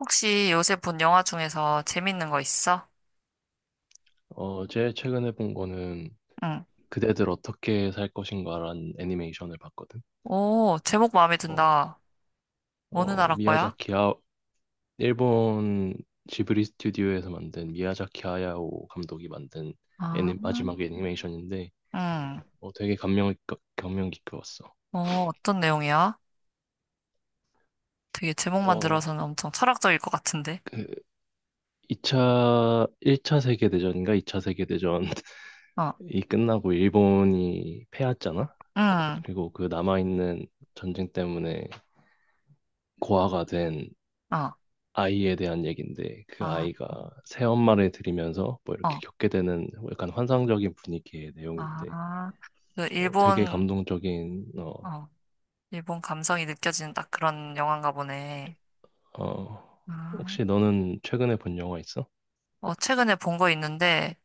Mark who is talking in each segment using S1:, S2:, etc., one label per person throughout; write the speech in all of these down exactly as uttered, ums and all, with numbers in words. S1: 혹시 요새 본 영화 중에서 재밌는 거 있어?
S2: 어, 제일 최근에 본 거는
S1: 응.
S2: 그대들 어떻게 살 것인가라는 애니메이션을 봤거든.
S1: 오, 제목 마음에
S2: 어,
S1: 든다. 어느
S2: 어,
S1: 나라 거야?
S2: 미야자키 아, 일본 지브리 스튜디오에서 만든 미야자키 하야오 감독이 만든
S1: 아.
S2: 애니, 마지막 애니메이션인데
S1: 응.
S2: 어, 되게 감명, 깊- 감명 깊게 봤어.
S1: 어, 어떤 내용이야? 되게 제목만
S2: 어,
S1: 들어서는 엄청 철학적일 것 같은데.
S2: 그 이차 일 차 세계대전인가 이 차 세계대전이
S1: 어,
S2: 끝나고 일본이 패했잖아.
S1: 응,
S2: 그리고 그 남아있는 전쟁 때문에 고아가 된
S1: 어,
S2: 아이에 대한 얘기인데 그
S1: 아,
S2: 아이가 새엄마를 들이면서 뭐 이렇게
S1: 어,
S2: 겪게 되는 뭐 약간 환상적인 분위기의 내용인데
S1: 아. 그
S2: 어, 되게
S1: 일본,
S2: 감동적인. 어,
S1: 어, 일본 감성이 느껴지는 딱 그런 영화인가 보네.
S2: 어,
S1: 아.
S2: 혹시 너는 최근에 본 영화 있어?
S1: 어, 최근에 본 거 있는데,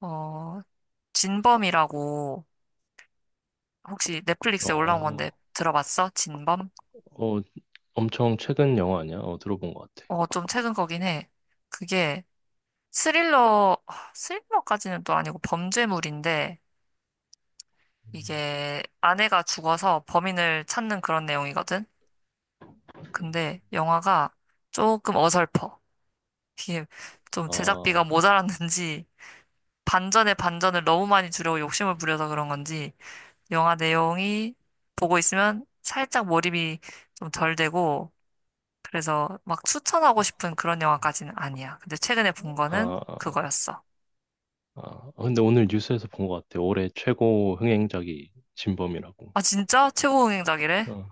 S1: 어, 진범이라고 혹시 넷플릭스에 올라온 건데
S2: 어,
S1: 들어봤어? 진범?
S2: 어 엄청 최근 영화 아니야? 어, 들어본 것 같아.
S1: 어, 좀 최근 거긴 해. 그게 스릴러, 아, 스릴러까지는 또 아니고 범죄물인데,
S2: 음.
S1: 이게 아내가 죽어서 범인을 찾는 그런 내용이거든? 근데 영화가 조금 어설퍼. 이게 좀
S2: 아,
S1: 제작비가 모자랐는지, 반전에 반전을 너무 많이 주려고 욕심을 부려서 그런 건지, 영화 내용이 보고 있으면 살짝 몰입이 좀 덜 되고, 그래서 막 추천하고 싶은 그런 영화까지는 아니야. 근데 최근에 본
S2: 아,
S1: 거는
S2: 아,
S1: 그거였어.
S2: 아, 근데 오늘 뉴스에서 본 것 같아. 올해 최고 흥행작이 진범이라고.
S1: 아, 진짜? 최고 응행작이래.
S2: 어,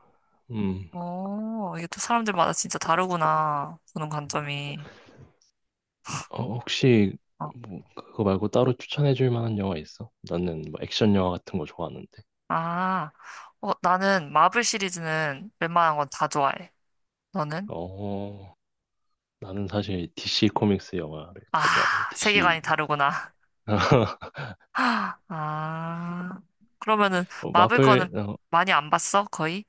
S2: 음.
S1: 어, 이게 또 사람들마다 진짜 다르구나. 보는 관점이.
S2: 어, 혹시
S1: 어,
S2: 뭐 그거 말고 따로 추천해 줄 만한 영화 있어? 나는 뭐 액션 영화 같은 거 좋아하는데.
S1: 아, 어, 나는 마블 시리즈는 웬만한 건 다 좋아해. 너는?
S2: 어, 나는 사실 디씨 코믹스 영화를 다 좋아하거든.
S1: 아,
S2: 디씨.
S1: 세계관이 다르구나. 아, 그러면은
S2: 어,
S1: 마블 거는
S2: 마블 어,
S1: 많이 안 봤어? 거의?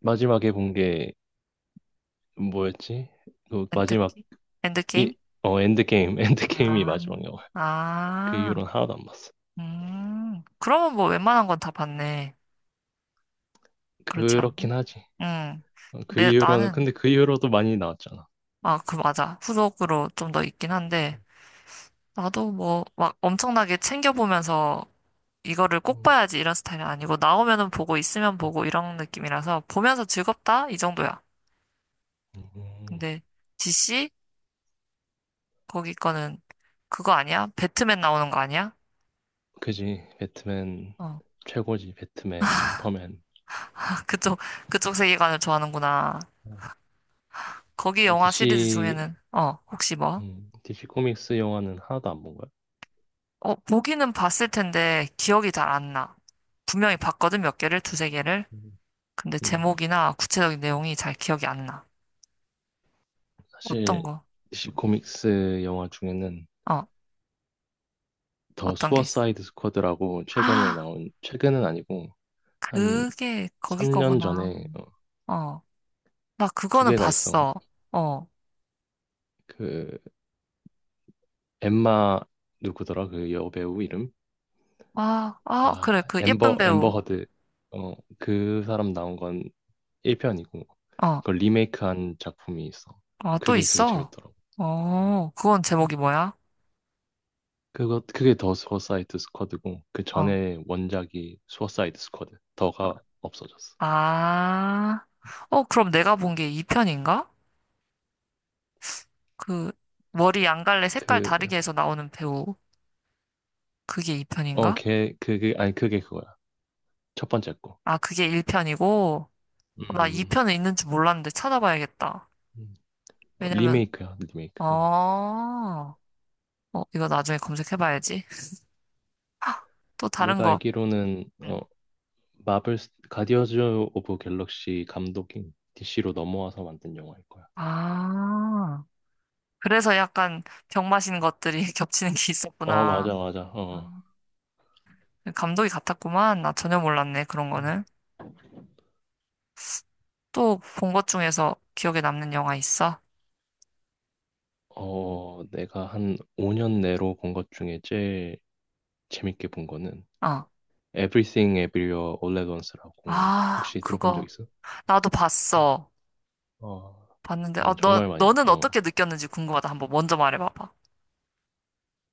S2: 마지막에 본 게 뭐였지? 그 마지막
S1: 엔드게임? 엔드게임?
S2: 이, 어 엔드게임, 엔드게임이
S1: 아,
S2: 마지막 영화. 그
S1: 아,
S2: 이후로는 하나도 안 봤어.
S1: 음. 그러면 뭐 웬만한 건 다 봤네. 그렇지 않나?
S2: 그렇긴 하지.
S1: 응.
S2: 어, 그
S1: 내,
S2: 이후로는
S1: 나는,
S2: 근데 그 이후로도 많이 나왔잖아.
S1: 아, 그 맞아. 후속으로 좀 더 있긴 한데 나도 뭐 막 엄청나게 챙겨보면서 이거를 꼭
S2: 음,
S1: 봐야지 이런 스타일은 아니고 나오면은 보고 있으면
S2: 음,
S1: 보고 이런 느낌이라서 보면서 즐겁다 이 정도야.
S2: 음.
S1: 근데 디씨 거기 거는 그거 아니야? 배트맨 나오는 거 아니야?
S2: 그지. 배트맨
S1: 어.
S2: 최고지. 배트맨, 슈퍼맨.
S1: 그쪽 그쪽 세계관을 좋아하는구나.
S2: 어.
S1: 거기
S2: 어,
S1: 영화 시리즈
S2: DC,
S1: 중에는 어, 혹시 뭐?
S2: 음, 디씨 코믹스 영화는 하나도 안 본 거야.
S1: 어, 보기는 봤을 텐데 기억이 잘 안 나. 분명히 봤거든, 몇 개를, 두세 개를.
S2: 음,
S1: 근데
S2: 음,
S1: 제목이나 구체적인 내용이 잘 기억이 안 나. 어떤
S2: 사실
S1: 거?
S2: 디씨 코믹스 영화 중에는
S1: 어,
S2: 더
S1: 어떤 게 있어?
S2: 수어사이드 스쿼드라고 최근에
S1: 아,
S2: 나온, 최근은 아니고 한
S1: 그게 거기
S2: 삼 년
S1: 거구나.
S2: 전에 어,
S1: 어, 나
S2: 두
S1: 그거는
S2: 개가 있어.
S1: 봤어. 어,
S2: 그 엠마 누구더라? 그 여배우 이름?
S1: 아, 아,
S2: 아,
S1: 그래, 그 예쁜
S2: 엠버 엠버
S1: 배우.
S2: 허드. 어, 그 사람 나온 건 일 편이고
S1: 어,
S2: 그걸 리메이크한 작품이 있어.
S1: 아, 또
S2: 그게 되게
S1: 있어.
S2: 재밌더라고.
S1: 어, 그건 제목이 뭐야?
S2: 그거 그게 더 수어사이드 스쿼드고 그
S1: 어,
S2: 전에 원작이 수어사이드 스쿼드 더가 없어졌어.
S1: 아, 어, 그럼 내가 본 게 이 편인가? 그 머리 양갈래 색깔 다르게
S2: 그
S1: 해서 나오는 배우. 그게
S2: 어
S1: 이 편인가?
S2: 걔 그게 아니 그게 그거야, 첫 번째 거.
S1: 아, 그게 일 편이고. 나
S2: 음,
S1: 이 편은 있는 줄 몰랐는데 찾아봐야겠다.
S2: 음. 어,
S1: 왜냐면,
S2: 리메이크야
S1: 어,
S2: 리메이크. 어.
S1: 어, 이거 나중에 검색해봐야지. 또 다른
S2: 내가
S1: 거.
S2: 알기로는
S1: 응.
S2: 어 마블 스- 가디언즈 오브 갤럭시 감독인 디씨로 넘어와서 만든 영화일 거야.
S1: 아, 그래서 약간 병 마신 것들이 겹치는 게
S2: 어,
S1: 있었구나.
S2: 맞아, 맞아. 어,
S1: 아, 감독이 같았구만. 나 전혀 몰랐네, 그런
S2: 음.
S1: 거는. 또 본 것 중에서 기억에 남는 영화 있어?
S2: 어, 내가 한 오 년 내로 본 것 중에 제일 재밌게 본 거는
S1: 어.
S2: Everything Everywhere All at Once라고
S1: 아,
S2: 혹시 들어본 적
S1: 그거.
S2: 있어?
S1: 나도 봤어.
S2: 어,
S1: 봤는데, 어,
S2: 난
S1: 너,
S2: 정말 많이 봤.
S1: 너는 어떻게
S2: 어,
S1: 느꼈는지 궁금하다. 한번 먼저 말해봐봐.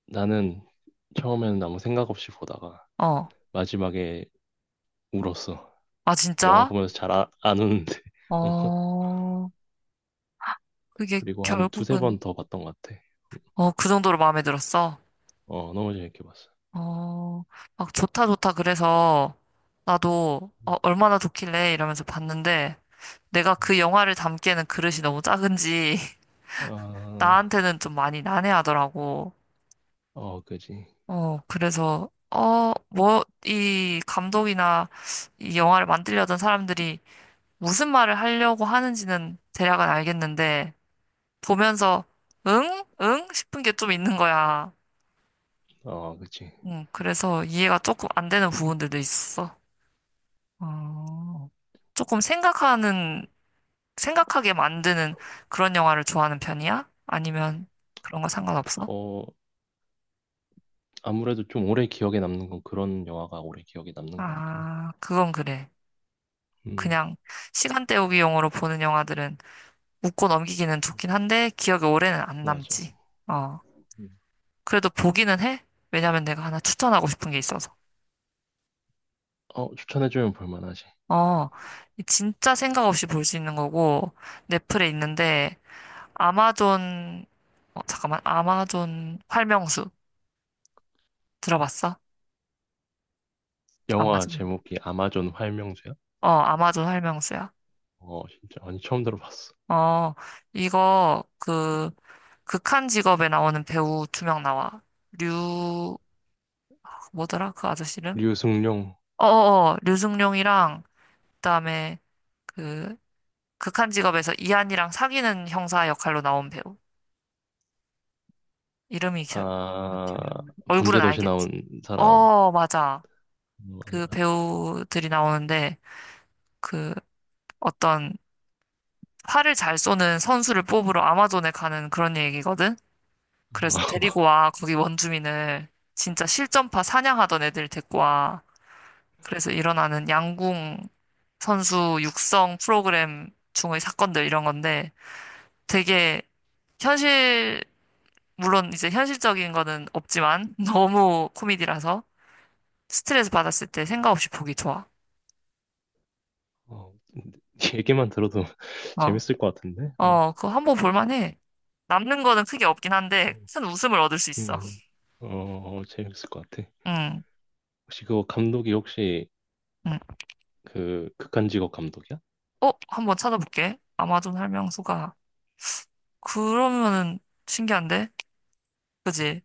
S2: 나는 처음에는 아무 생각 없이 보다가
S1: 어.
S2: 마지막에 울었어.
S1: 아,
S2: 영화
S1: 진짜?
S2: 보면서 잘 아, 안 우는데. 어,
S1: 어, 그게
S2: 그리고 한 두세
S1: 결국은,
S2: 번 더 봤던 것 같아.
S1: 어, 그 정도로 마음에 들었어.
S2: 어, 너무 재밌게 봤어.
S1: 어, 막 좋다 좋다 그래서 나도 어, 얼마나 좋길래 이러면서 봤는데 내가
S2: 음.
S1: 그 영화를 담기에는 그릇이 너무 작은지
S2: 아,
S1: 나한테는 좀 많이 난해하더라고.
S2: 어, 그지.
S1: 어, 그래서 어, 뭐, 이 감독이나 이 영화를 만들려던 사람들이 무슨 말을 하려고 하는지는 대략은 알겠는데 보면서 응? 응? 싶은 게 좀 있는 거야.
S2: 어, 그지.
S1: 응, 그래서 이해가 조금 안 되는 부분들도 있어. 어, 조금 생각하는, 생각하게 만드는 그런 영화를 좋아하는 편이야? 아니면 그런 거 상관없어?
S2: 어, 아무래도 좀 오래 기억에 남는 건 그런 영화가 오래 기억에 남는 것 같긴 해.
S1: 아, 그건 그래.
S2: 음,
S1: 그냥 시간 때우기용으로 보는 영화들은 웃고 넘기기는 좋긴 한데 기억에 오래는 안
S2: 맞아.
S1: 남지. 어,
S2: 음.
S1: 그래도 보기는 해. 왜냐면 내가 하나 추천하고 싶은 게 있어서.
S2: 어, 추천해주면 볼만하지.
S1: 어, 진짜 생각 없이 볼 수 있는 거고 넷플에 있는데 아마존, 어, 잠깐만, 아마존 활명수 들어봤어?
S2: 영화
S1: 아마존.
S2: 제목이 아마존 활명제야?
S1: 어, 아마존 설명서야.
S2: 어, 진짜. 아니, 처음 들어봤어.
S1: 어, 이거 그 극한 직업에 나오는 배우 두 명 나와. 류 그 뭐더라? 그 아저씨는?
S2: 류승룡,
S1: 어어어, 류승룡이랑 그다음에 그 극한 직업에서 이한이랑 사귀는 형사 역할로 나온 배우. 이름이 기-
S2: 아,
S1: 기억이 안 나네. 얼굴은
S2: 범죄도시
S1: 알겠지.
S2: 나온 사람.
S1: 어, 맞아.
S2: 어,
S1: 그
S2: 맞아.
S1: 배우들이 나오는데 그 어떤 활을 잘 쏘는 선수를 뽑으러 아마존에 가는 그런 얘기거든. 그래서
S2: 어,
S1: 데리고 와, 거기 원주민을. 진짜 실전파 사냥하던 애들 데리고 와. 그래서 일어나는 양궁 선수 육성 프로그램 중의 사건들, 이런 건데 되게 현실, 물론 이제 현실적인 거는 없지만 너무 코미디라서 스트레스 받았을 때 생각 없이 보기 좋아.
S2: 어, 얘기만 들어도
S1: 어,
S2: 재밌을 것 같은데? 어,
S1: 어, 그거 한 번 볼만해. 남는 거는 크게 없긴 한데
S2: 어,
S1: 큰 웃음을 얻을 수
S2: 음,
S1: 있어.
S2: 음. 어, 어, 재밌을 것 같아.
S1: 응,
S2: 혹시 그거 감독이 혹시
S1: 응.
S2: 그 극한직업 감독이야?
S1: 어, 한번 찾아볼게. 아마존 설명서가 그러면은 신기한데? 그지?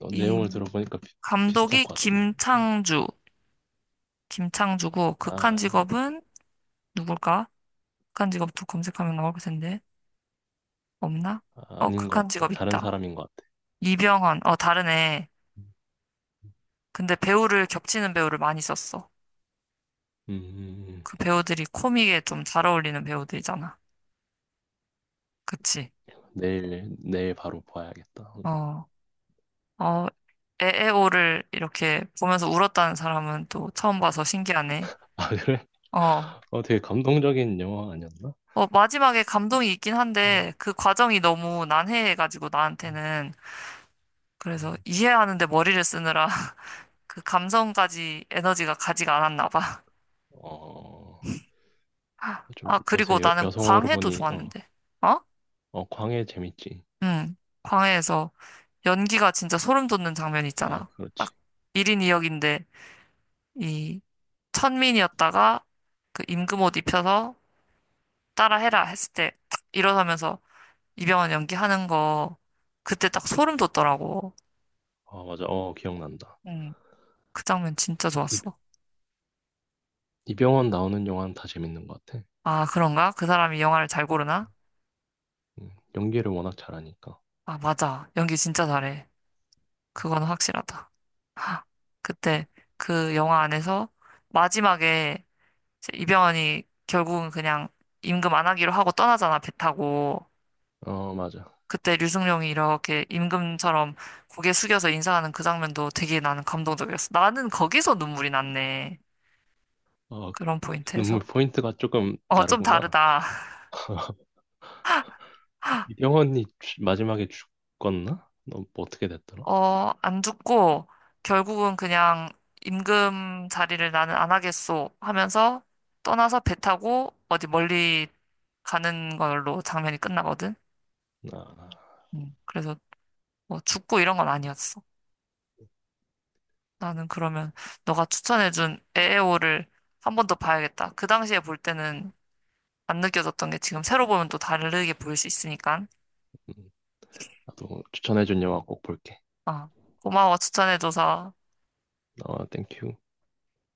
S2: 어, 내용을
S1: 이
S2: 들어보니까 비, 비슷할
S1: 감독이
S2: 것 같은데.
S1: 김창주, 김창주고 극한
S2: 아,
S1: 직업은 누굴까? 극한 직업도 검색하면 나올 텐데 없나?
S2: 아,
S1: 어,
S2: 아닌 것
S1: 극한
S2: 같아.
S1: 직업
S2: 다른
S1: 있다.
S2: 사람인 것 같아.
S1: 이병헌, 어 다르네.
S2: 음,
S1: 근데 배우를, 겹치는 배우를 많이 썼어.
S2: 음, 음.
S1: 그 배우들이 코믹에 좀 잘 어울리는 배우들이잖아. 그치?
S2: 내일, 내일 바로 봐야겠다.
S1: 어, 어, 에에오를 이렇게 보면서 울었다는 사람은 또 처음 봐서 신기하네.
S2: 아, 그래?
S1: 어,
S2: 어, 되게 감동적인 영화 아니었나?
S1: 어, 마지막에 감동이 있긴
S2: 어,
S1: 한데 그 과정이 너무 난해해가지고
S2: 음,
S1: 나한테는 그래서
S2: 음.
S1: 이해하는데 머리를 쓰느라 그 감성까지 에너지가 가지가 않았나 봐.
S2: 어, 좀
S1: 아, 그리고
S2: 요새 여,
S1: 나는
S2: 여성어로
S1: 광해도
S2: 보니 어,
S1: 좋았는데. 어?
S2: 어, 광해 재밌지.
S1: 응. 광해에서 연기가 진짜 소름 돋는 장면
S2: 아,
S1: 있잖아.
S2: 그렇지.
S1: 딱 일 인 이 역인데 이 역인데 이 천민이었다가 그 임금 옷 입혀서 따라해라 했을 때 딱 일어서면서 이병헌 연기하는 거 그때 딱 소름 돋더라고.
S2: 아, 맞아. 어, 기억난다.
S1: 응. 그 장면 진짜
S2: 이,
S1: 좋았어.
S2: 이병헌 나오는 영화는 다 재밌는 것 같아.
S1: 아, 그런가? 그 사람이 영화를 잘 고르나?
S2: 음, 연기를 워낙 잘하니까.
S1: 아, 맞아. 연기 진짜 잘해. 그건 확실하다. 하, 그때 그 영화 안에서 마지막에 이제 이병헌이 결국은 그냥 임금 안 하기로 하고 떠나잖아, 배 타고.
S2: 어, 맞아.
S1: 그때 류승룡이 이렇게 임금처럼 고개 숙여서 인사하는 그 장면도 되게 나는 감동적이었어. 나는 거기서 눈물이 났네.
S2: 어,
S1: 그런
S2: 눈물
S1: 포인트에서.
S2: 포인트가 조금
S1: 어, 좀
S2: 다르구나.
S1: 다르다.
S2: 이병헌이 죽- 마지막에 죽었나? 너뭐 어떻게 됐더라?
S1: 어, 안 듣고 결국은 그냥 임금 자리를 나는 안 하겠소 하면서 떠나서 배 타고 어디 멀리 가는 걸로 장면이 끝나거든.
S2: 아,
S1: 음, 그래서 뭐 죽고 이런 건 아니었어. 나는 그러면 너가 추천해준 에에오를 한 번 더 봐야겠다. 그 당시에 볼 때는 안 느껴졌던 게 지금 새로 보면 또 다르게 보일 수 있으니까.
S2: 음, 나도 추천해준 영화 꼭 볼게.
S1: 어, 고마워 추천해줘서.
S2: 어, 땡큐.